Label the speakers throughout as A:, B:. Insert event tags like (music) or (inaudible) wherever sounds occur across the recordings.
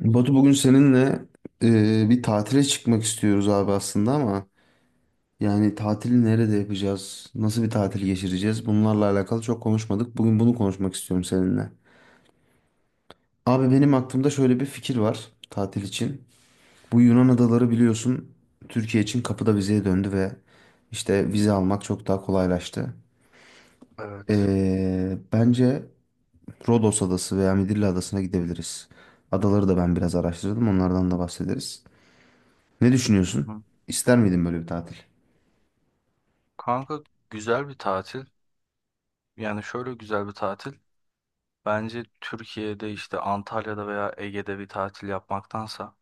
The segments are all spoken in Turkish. A: Batu bugün seninle bir tatile çıkmak istiyoruz abi aslında ama yani tatili nerede yapacağız? Nasıl bir tatil geçireceğiz? Bunlarla alakalı çok konuşmadık. Bugün bunu konuşmak istiyorum seninle. Abi benim aklımda şöyle bir fikir var tatil için. Bu Yunan adaları biliyorsun Türkiye için kapıda vizeye döndü ve işte vize almak çok daha kolaylaştı.
B: Evet.
A: Bence Rodos Adası veya Midilli Adası'na gidebiliriz. Adaları da ben biraz araştırdım onlardan da bahsederiz. Ne
B: Hı
A: düşünüyorsun?
B: hı.
A: İster miydin böyle bir tatil?
B: Kanka, güzel bir tatil. Yani şöyle güzel bir tatil. Bence Türkiye'de işte Antalya'da veya Ege'de bir tatil yapmaktansa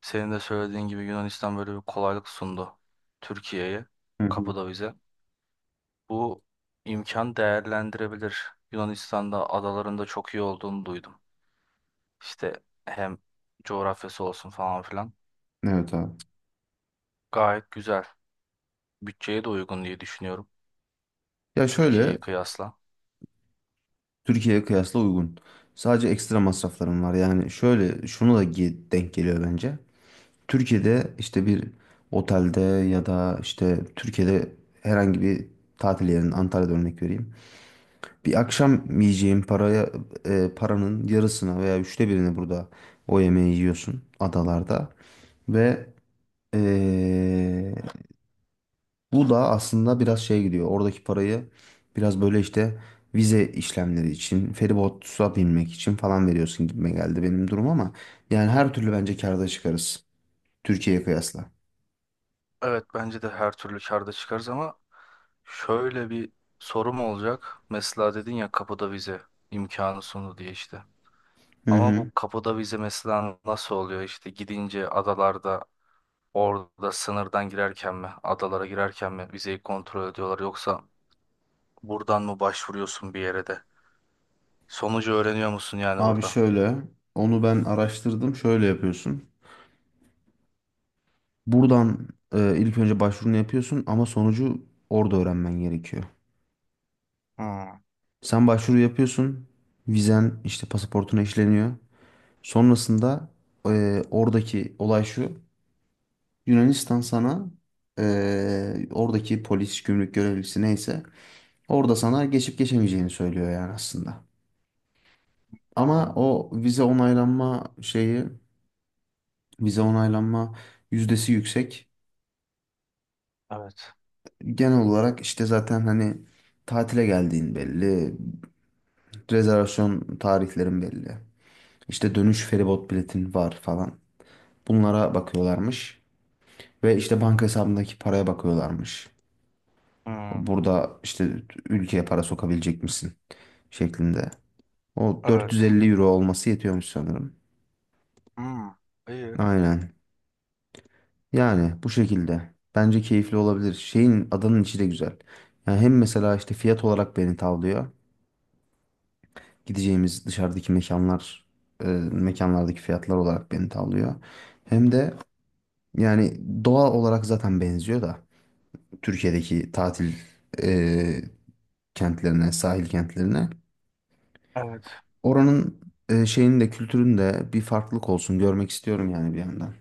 B: senin de söylediğin gibi Yunanistan böyle bir kolaylık sundu Türkiye'ye,
A: Hı hı.
B: kapıda bize. Bu imkan değerlendirebilir. Yunanistan'da adalarında çok iyi olduğunu duydum. İşte hem coğrafyası olsun falan filan.
A: Evet abi.
B: Gayet güzel. Bütçeye de uygun diye düşünüyorum
A: Ya şöyle
B: Türkiye'yi kıyasla.
A: Türkiye'ye kıyasla uygun. Sadece ekstra masraflarım var. Yani şöyle şunu da denk geliyor bence. Türkiye'de işte bir otelde ya da işte Türkiye'de herhangi bir tatil yerinin Antalya'da örnek vereyim. Bir akşam yiyeceğim paraya paranın yarısına veya üçte birini burada o yemeği yiyorsun adalarda ve e, bu da aslında biraz şey gidiyor. Oradaki parayı biraz böyle işte vize işlemleri için, feribota binmek için falan veriyorsun gibime geldi benim durum ama yani her türlü bence kârda çıkarız Türkiye'ye kıyasla.
B: Evet, bence de her türlü karda çıkarız ama şöyle bir sorum olacak. Mesela dedin ya kapıda vize imkanı sundu diye işte.
A: Hı
B: Ama
A: hı.
B: bu kapıda vize mesela nasıl oluyor işte gidince adalarda orada sınırdan girerken mi adalara girerken mi vizeyi kontrol ediyorlar yoksa buradan mı başvuruyorsun bir yere de? Sonucu öğreniyor musun yani
A: Abi
B: burada?
A: şöyle onu ben araştırdım. Şöyle yapıyorsun. Buradan ilk önce başvurunu yapıyorsun ama sonucu orada öğrenmen gerekiyor.
B: Hmm,
A: Sen başvuru yapıyorsun. Vizen işte pasaportuna işleniyor. Sonrasında oradaki olay şu. Yunanistan sana oradaki polis, gümrük görevlisi neyse orada sana geçip geçemeyeceğini söylüyor yani aslında. Ama
B: anladım.
A: o vize onaylanma şeyi, vize onaylanma yüzdesi yüksek.
B: Evet.
A: Genel olarak işte zaten hani tatile geldiğin belli, rezervasyon tarihlerin belli. İşte dönüş feribot biletin var falan. Bunlara bakıyorlarmış ve işte banka hesabındaki paraya bakıyorlarmış.
B: Hmm,
A: Burada işte ülkeye para sokabilecek misin şeklinde. O
B: evet.
A: 450 euro olması yetiyormuş sanırım.
B: Hmm, iyi.
A: Aynen. Yani bu şekilde. Bence keyifli olabilir. Şeyin adanın içi de güzel. Yani hem mesela işte fiyat olarak beni tavlıyor. Gideceğimiz dışarıdaki mekanlar, e, mekanlardaki fiyatlar olarak beni tavlıyor. Hem de yani doğa olarak zaten benziyor da Türkiye'deki tatil e, kentlerine, sahil kentlerine.
B: Evet.
A: Oranın şeyinin de kültürün de bir farklılık olsun görmek istiyorum yani bir yandan.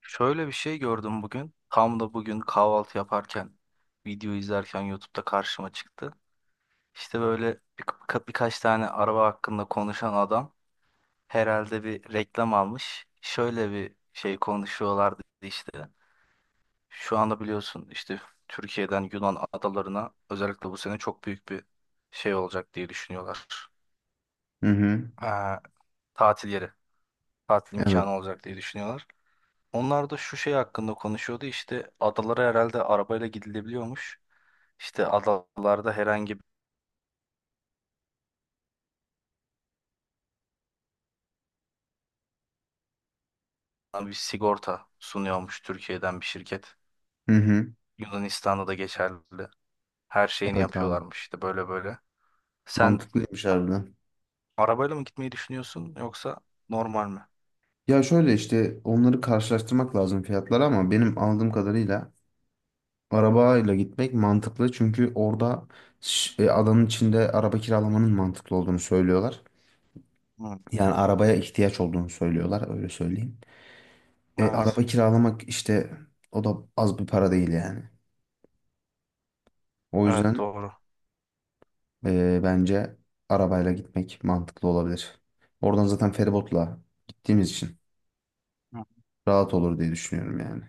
B: Şöyle bir şey gördüm bugün. Tam da bugün kahvaltı yaparken, video izlerken YouTube'da karşıma çıktı. İşte böyle birkaç tane araba hakkında konuşan adam herhalde bir reklam almış. Şöyle bir şey konuşuyorlardı işte. Şu anda biliyorsun işte Türkiye'den Yunan adalarına özellikle bu sene çok büyük bir şey olacak diye düşünüyorlar.
A: Hı hı.
B: Ee, tatil yeri, tatil
A: Evet.
B: imkanı olacak diye düşünüyorlar. Onlar da şu şey hakkında konuşuyordu işte adalara herhalde arabayla gidilebiliyormuş. İşte adalarda herhangi bir sigorta sunuyormuş Türkiye'den bir şirket.
A: Hı hı.
B: Yunanistan'da da geçerli. Her şeyini
A: Evet abi.
B: yapıyorlarmış işte böyle böyle. Sen
A: Mantıklıymış harbiden.
B: arabayla mı gitmeyi düşünüyorsun yoksa normal mi?
A: Ya şöyle işte onları karşılaştırmak lazım fiyatları ama benim aldığım kadarıyla arabayla gitmek mantıklı. Çünkü orada adanın içinde araba kiralamanın mantıklı olduğunu söylüyorlar.
B: Hı,
A: Yani arabaya ihtiyaç olduğunu söylüyorlar öyle söyleyeyim.
B: evet.
A: Araba kiralamak işte o da az bir para değil yani. O
B: Evet,
A: yüzden
B: doğru.
A: bence arabayla gitmek mantıklı olabilir. Oradan zaten feribotla gittiğimiz için
B: Hı.
A: rahat olur diye düşünüyorum yani.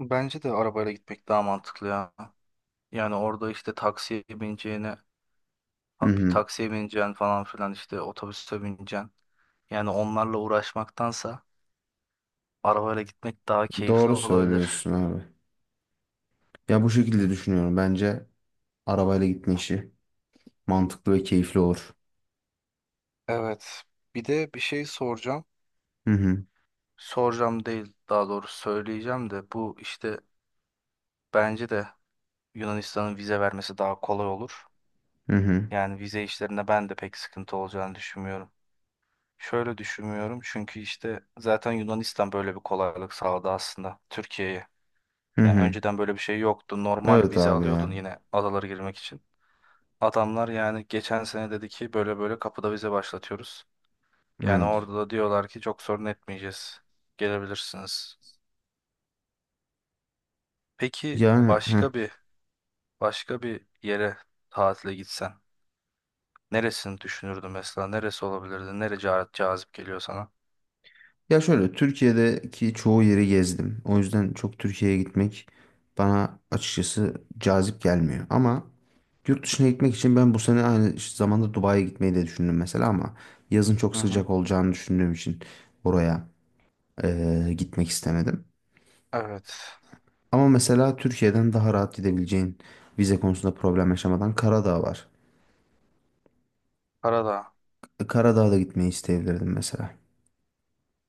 B: Bence de arabayla gitmek daha mantıklı ya. Yani orada işte taksiye bineceğine
A: Hı
B: Ha- bir
A: hı.
B: taksiye bineceksin falan filan işte otobüse bineceksin. Yani onlarla uğraşmaktansa arabayla gitmek daha keyifli
A: Doğru
B: olabilir.
A: söylüyorsun abi. Ya bu şekilde düşünüyorum. Bence arabayla gitme işi mantıklı ve keyifli olur.
B: Evet. Bir de bir şey soracağım.
A: Hı hı.
B: Soracağım değil, daha doğrusu söyleyeceğim de bu işte bence de Yunanistan'ın vize vermesi daha kolay olur.
A: Hı hı.
B: Yani vize işlerinde ben de pek sıkıntı olacağını düşünmüyorum. Şöyle düşünmüyorum çünkü işte zaten Yunanistan böyle bir kolaylık sağladı aslında Türkiye'ye.
A: Hı
B: Yani
A: hı.
B: önceden böyle bir şey yoktu. Normal
A: Evet
B: vize
A: abi
B: alıyordun
A: ya.
B: yine adalara girmek için. Adamlar yani geçen sene dedi ki böyle böyle kapıda vize başlatıyoruz. Yani
A: Evet.
B: orada da diyorlar ki çok sorun etmeyeceğiz. Gelebilirsiniz. Peki
A: Yani heh.
B: başka bir yere tatile gitsen neresini düşünürdün mesela? Neresi olabilirdi? Nere ca- cazip geliyor sana?
A: Ya şöyle Türkiye'deki çoğu yeri gezdim. O yüzden çok Türkiye'ye gitmek bana açıkçası cazip gelmiyor. Ama yurt dışına gitmek için ben bu sene aynı zamanda Dubai'ye gitmeyi de düşündüm mesela ama yazın çok
B: Hı hı.
A: sıcak olacağını düşündüğüm için oraya gitmek istemedim.
B: Evet.
A: Ama mesela Türkiye'den daha rahat gidebileceğin vize konusunda problem yaşamadan Karadağ var.
B: Karadağ.
A: Karadağ'a da gitmeyi isteyebilirdim mesela.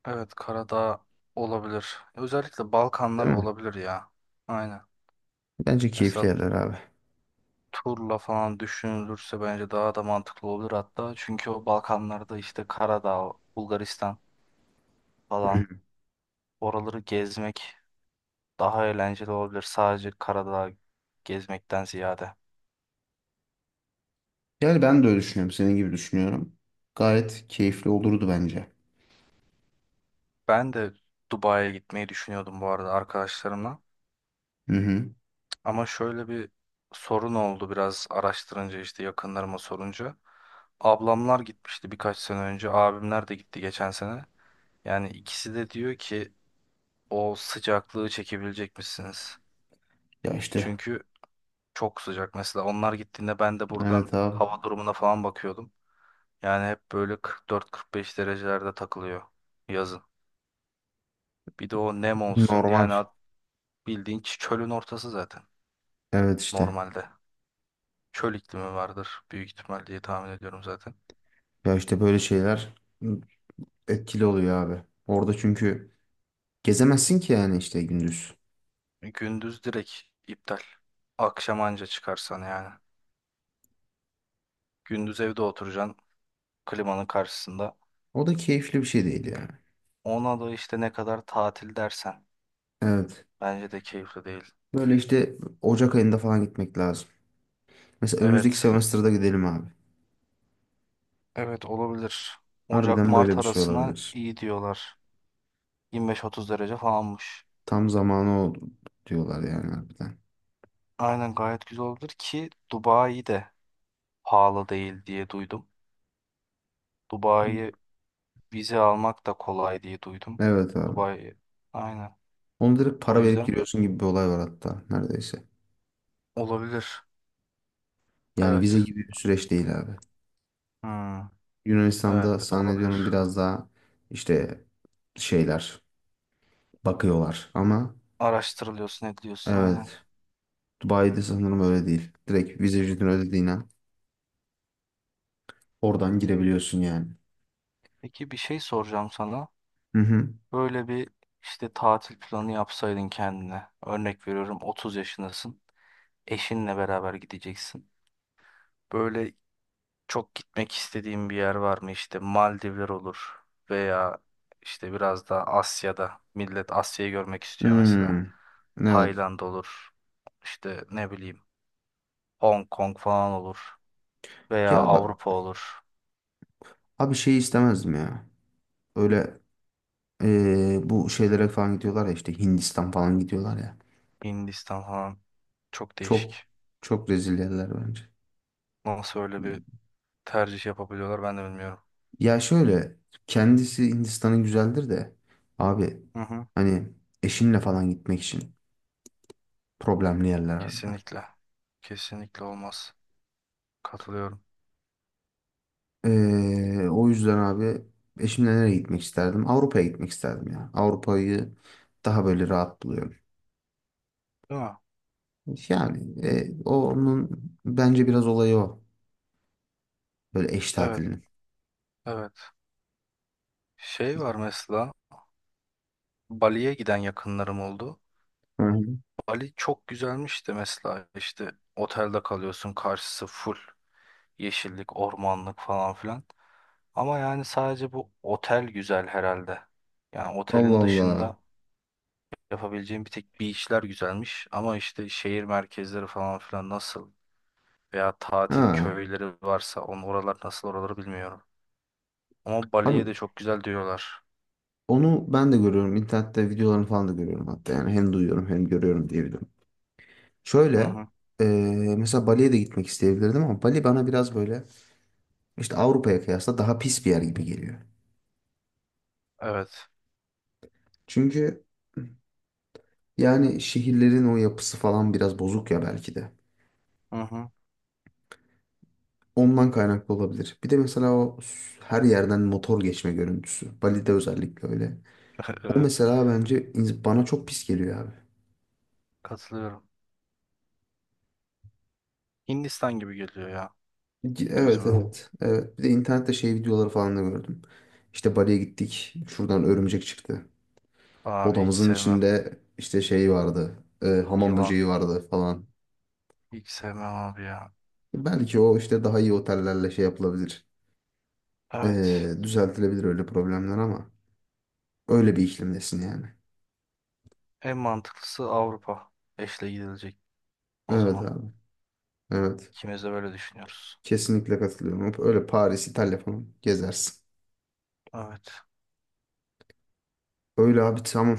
B: Evet, Karadağ olabilir. Özellikle Balkanlar
A: Değil mi?
B: olabilir ya. Aynen.
A: Bence keyifli
B: Mesela
A: yerler abi.
B: turla falan düşünülürse bence daha da mantıklı olur hatta. Çünkü o Balkanlarda işte Karadağ, Bulgaristan falan
A: Hı.
B: oraları gezmek daha eğlenceli olabilir. Sadece Karadağ gezmekten ziyade.
A: Yani ben de öyle düşünüyorum. Senin gibi düşünüyorum. Gayet keyifli olurdu bence.
B: Ben de Dubai'ye gitmeyi düşünüyordum bu arada arkadaşlarımla.
A: Hı hı.
B: Ama şöyle bir sorun oldu biraz araştırınca işte yakınlarıma sorunca. Ablamlar gitmişti birkaç sene önce. Abimler de gitti geçen sene. Yani ikisi de diyor ki o sıcaklığı çekebilecek misiniz?
A: Ya işte.
B: Çünkü çok sıcak mesela. Onlar gittiğinde ben de buradan
A: Evet abi.
B: hava durumuna falan bakıyordum. Yani hep böyle 44-45 derecelerde takılıyor yazın. Bir de o nem olsun
A: Normal.
B: yani at- bildiğin ç- çölün ortası zaten
A: Evet işte.
B: normalde. Çöl iklimi vardır büyük ihtimal diye tahmin ediyorum zaten.
A: Ya işte böyle şeyler etkili oluyor abi. Orada çünkü gezemezsin ki yani işte gündüz.
B: Gündüz direkt iptal. Akşam anca çıkarsan yani. Gündüz evde oturacaksın klimanın karşısında.
A: O da keyifli bir şey değil yani.
B: Ona da işte ne kadar tatil dersen
A: Evet.
B: bence de keyifli değil.
A: Böyle işte Ocak ayında falan gitmek lazım. Mesela önümüzdeki
B: Evet.
A: semester'da gidelim abi.
B: Evet, olabilir.
A: Harbiden böyle
B: Ocak-Mart
A: bir şey
B: arasına
A: olabilir.
B: iyi diyorlar. 25-30 derece falanmış.
A: Tam zamanı oldu diyorlar yani harbiden.
B: Aynen, gayet güzel olabilir ki Dubai de pahalı değil diye duydum. Dubai'ye vize almak da kolay diye duydum.
A: Evet abi.
B: Dubai, aynen.
A: Onu direkt
B: O
A: para verip
B: yüzden
A: giriyorsun gibi bir olay var hatta neredeyse.
B: olabilir.
A: Yani vize
B: Evet.
A: gibi bir süreç değil abi.
B: Hmm,
A: Yunanistan'da
B: evet,
A: zannediyorum
B: olabilir.
A: biraz daha işte şeyler bakıyorlar ama
B: Araştırılıyorsun ediliyorsun aynen.
A: evet Dubai'de sanırım öyle değil. Direkt vize ücretini ödediğin an oradan girebiliyorsun yani.
B: Peki bir şey soracağım sana.
A: Hı hı.
B: Böyle bir işte tatil planı yapsaydın kendine. Örnek veriyorum 30 yaşındasın. Eşinle beraber gideceksin. Böyle çok gitmek istediğin bir yer var mı? İşte Maldivler olur veya işte biraz daha Asya'da. Millet Asya'yı görmek istiyor mesela.
A: Hmm, evet.
B: Tayland olur. İşte ne bileyim Hong Kong falan olur. Veya
A: Ya bak
B: Avrupa olur.
A: abi şey istemezdim ya. Öyle bu şeylere falan gidiyorlar ya işte Hindistan falan gidiyorlar ya.
B: Hindistan falan. Çok
A: Çok
B: değişik.
A: Çok rezil yerler bence.
B: Nasıl öyle bir tercih yapabiliyorlar ben de bilmiyorum.
A: Ya şöyle kendisi Hindistan'ın güzeldir de abi
B: Hı hı.
A: hani eşinle falan gitmek için problemli yerler harbiden.
B: Kesinlikle. Kesinlikle olmaz. Katılıyorum.
A: O yüzden abi eşimle nereye gitmek isterdim? Avrupa'ya gitmek isterdim ya. Avrupa'yı daha böyle rahat buluyorum.
B: Değil mi?
A: Yani onun bence biraz olayı o. Böyle eş
B: Evet,
A: tatilinin.
B: evet. Şey var mesela, Bali'ye giden yakınlarım oldu.
A: Hı hı.
B: Bali çok güzelmiş de mesela işte otelde kalıyorsun karşısı full yeşillik, ormanlık falan filan. Ama yani sadece bu otel güzel herhalde. Yani
A: Allah
B: otelin
A: Allah.
B: dışında yapabileceğim bir tek beachler güzelmiş. Ama işte şehir merkezleri falan filan nasıl veya tatil
A: Ha.
B: köyleri varsa on oralar nasıl oraları bilmiyorum. Ama
A: Abi
B: Bali'ye de çok güzel diyorlar.
A: onu ben de görüyorum. İnternette videolarını falan da görüyorum hatta. Yani hem duyuyorum hem görüyorum diyebilirim.
B: Hı
A: Şöyle
B: hı.
A: mesela Bali'ye de gitmek isteyebilirdim ama Bali bana biraz böyle işte Avrupa'ya kıyasla daha pis bir yer gibi geliyor.
B: Evet.
A: Çünkü yani şehirlerin o yapısı falan biraz bozuk ya belki de.
B: Hı hı.
A: Ondan kaynaklı olabilir. Bir de mesela o her yerden motor geçme görüntüsü. Bali'de özellikle öyle.
B: (laughs)
A: O
B: Evet.
A: mesela bence bana çok pis geliyor abi.
B: Katılıyorum. Hindistan gibi geliyor ya.
A: Evet,
B: Gözüme.
A: evet. Evet. Bir de internette şey videoları falan da gördüm. İşte Bali'ye gittik. Şuradan örümcek çıktı.
B: Abi hiç
A: Odamızın
B: sevmem.
A: içinde işte şey vardı. Hamam
B: Yılan.
A: böceği vardı falan.
B: Hiç sevmem abi ya.
A: Belki o işte daha iyi otellerle şey yapılabilir.
B: Evet.
A: Düzeltilebilir öyle problemler ama öyle bir iklimdesin yani.
B: En mantıklısı Avrupa. Eşle gidilecek o
A: Evet
B: zaman.
A: abi. Evet.
B: İkimiz de böyle düşünüyoruz.
A: Kesinlikle katılıyorum. Öyle Paris, İtalya falan gezersin.
B: Evet.
A: Öyle abi tamam.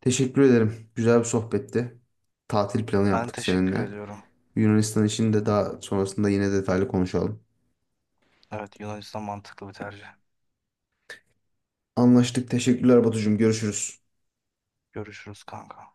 A: Teşekkür ederim. Güzel bir sohbetti. Tatil planı
B: Ben
A: yaptık
B: teşekkür
A: seninle.
B: ediyorum.
A: Yunanistan için de daha sonrasında yine detaylı konuşalım.
B: Evet, Yunanistan mantıklı bir tercih.
A: Anlaştık. Teşekkürler Batucuğum. Görüşürüz.
B: Görüşürüz kanka.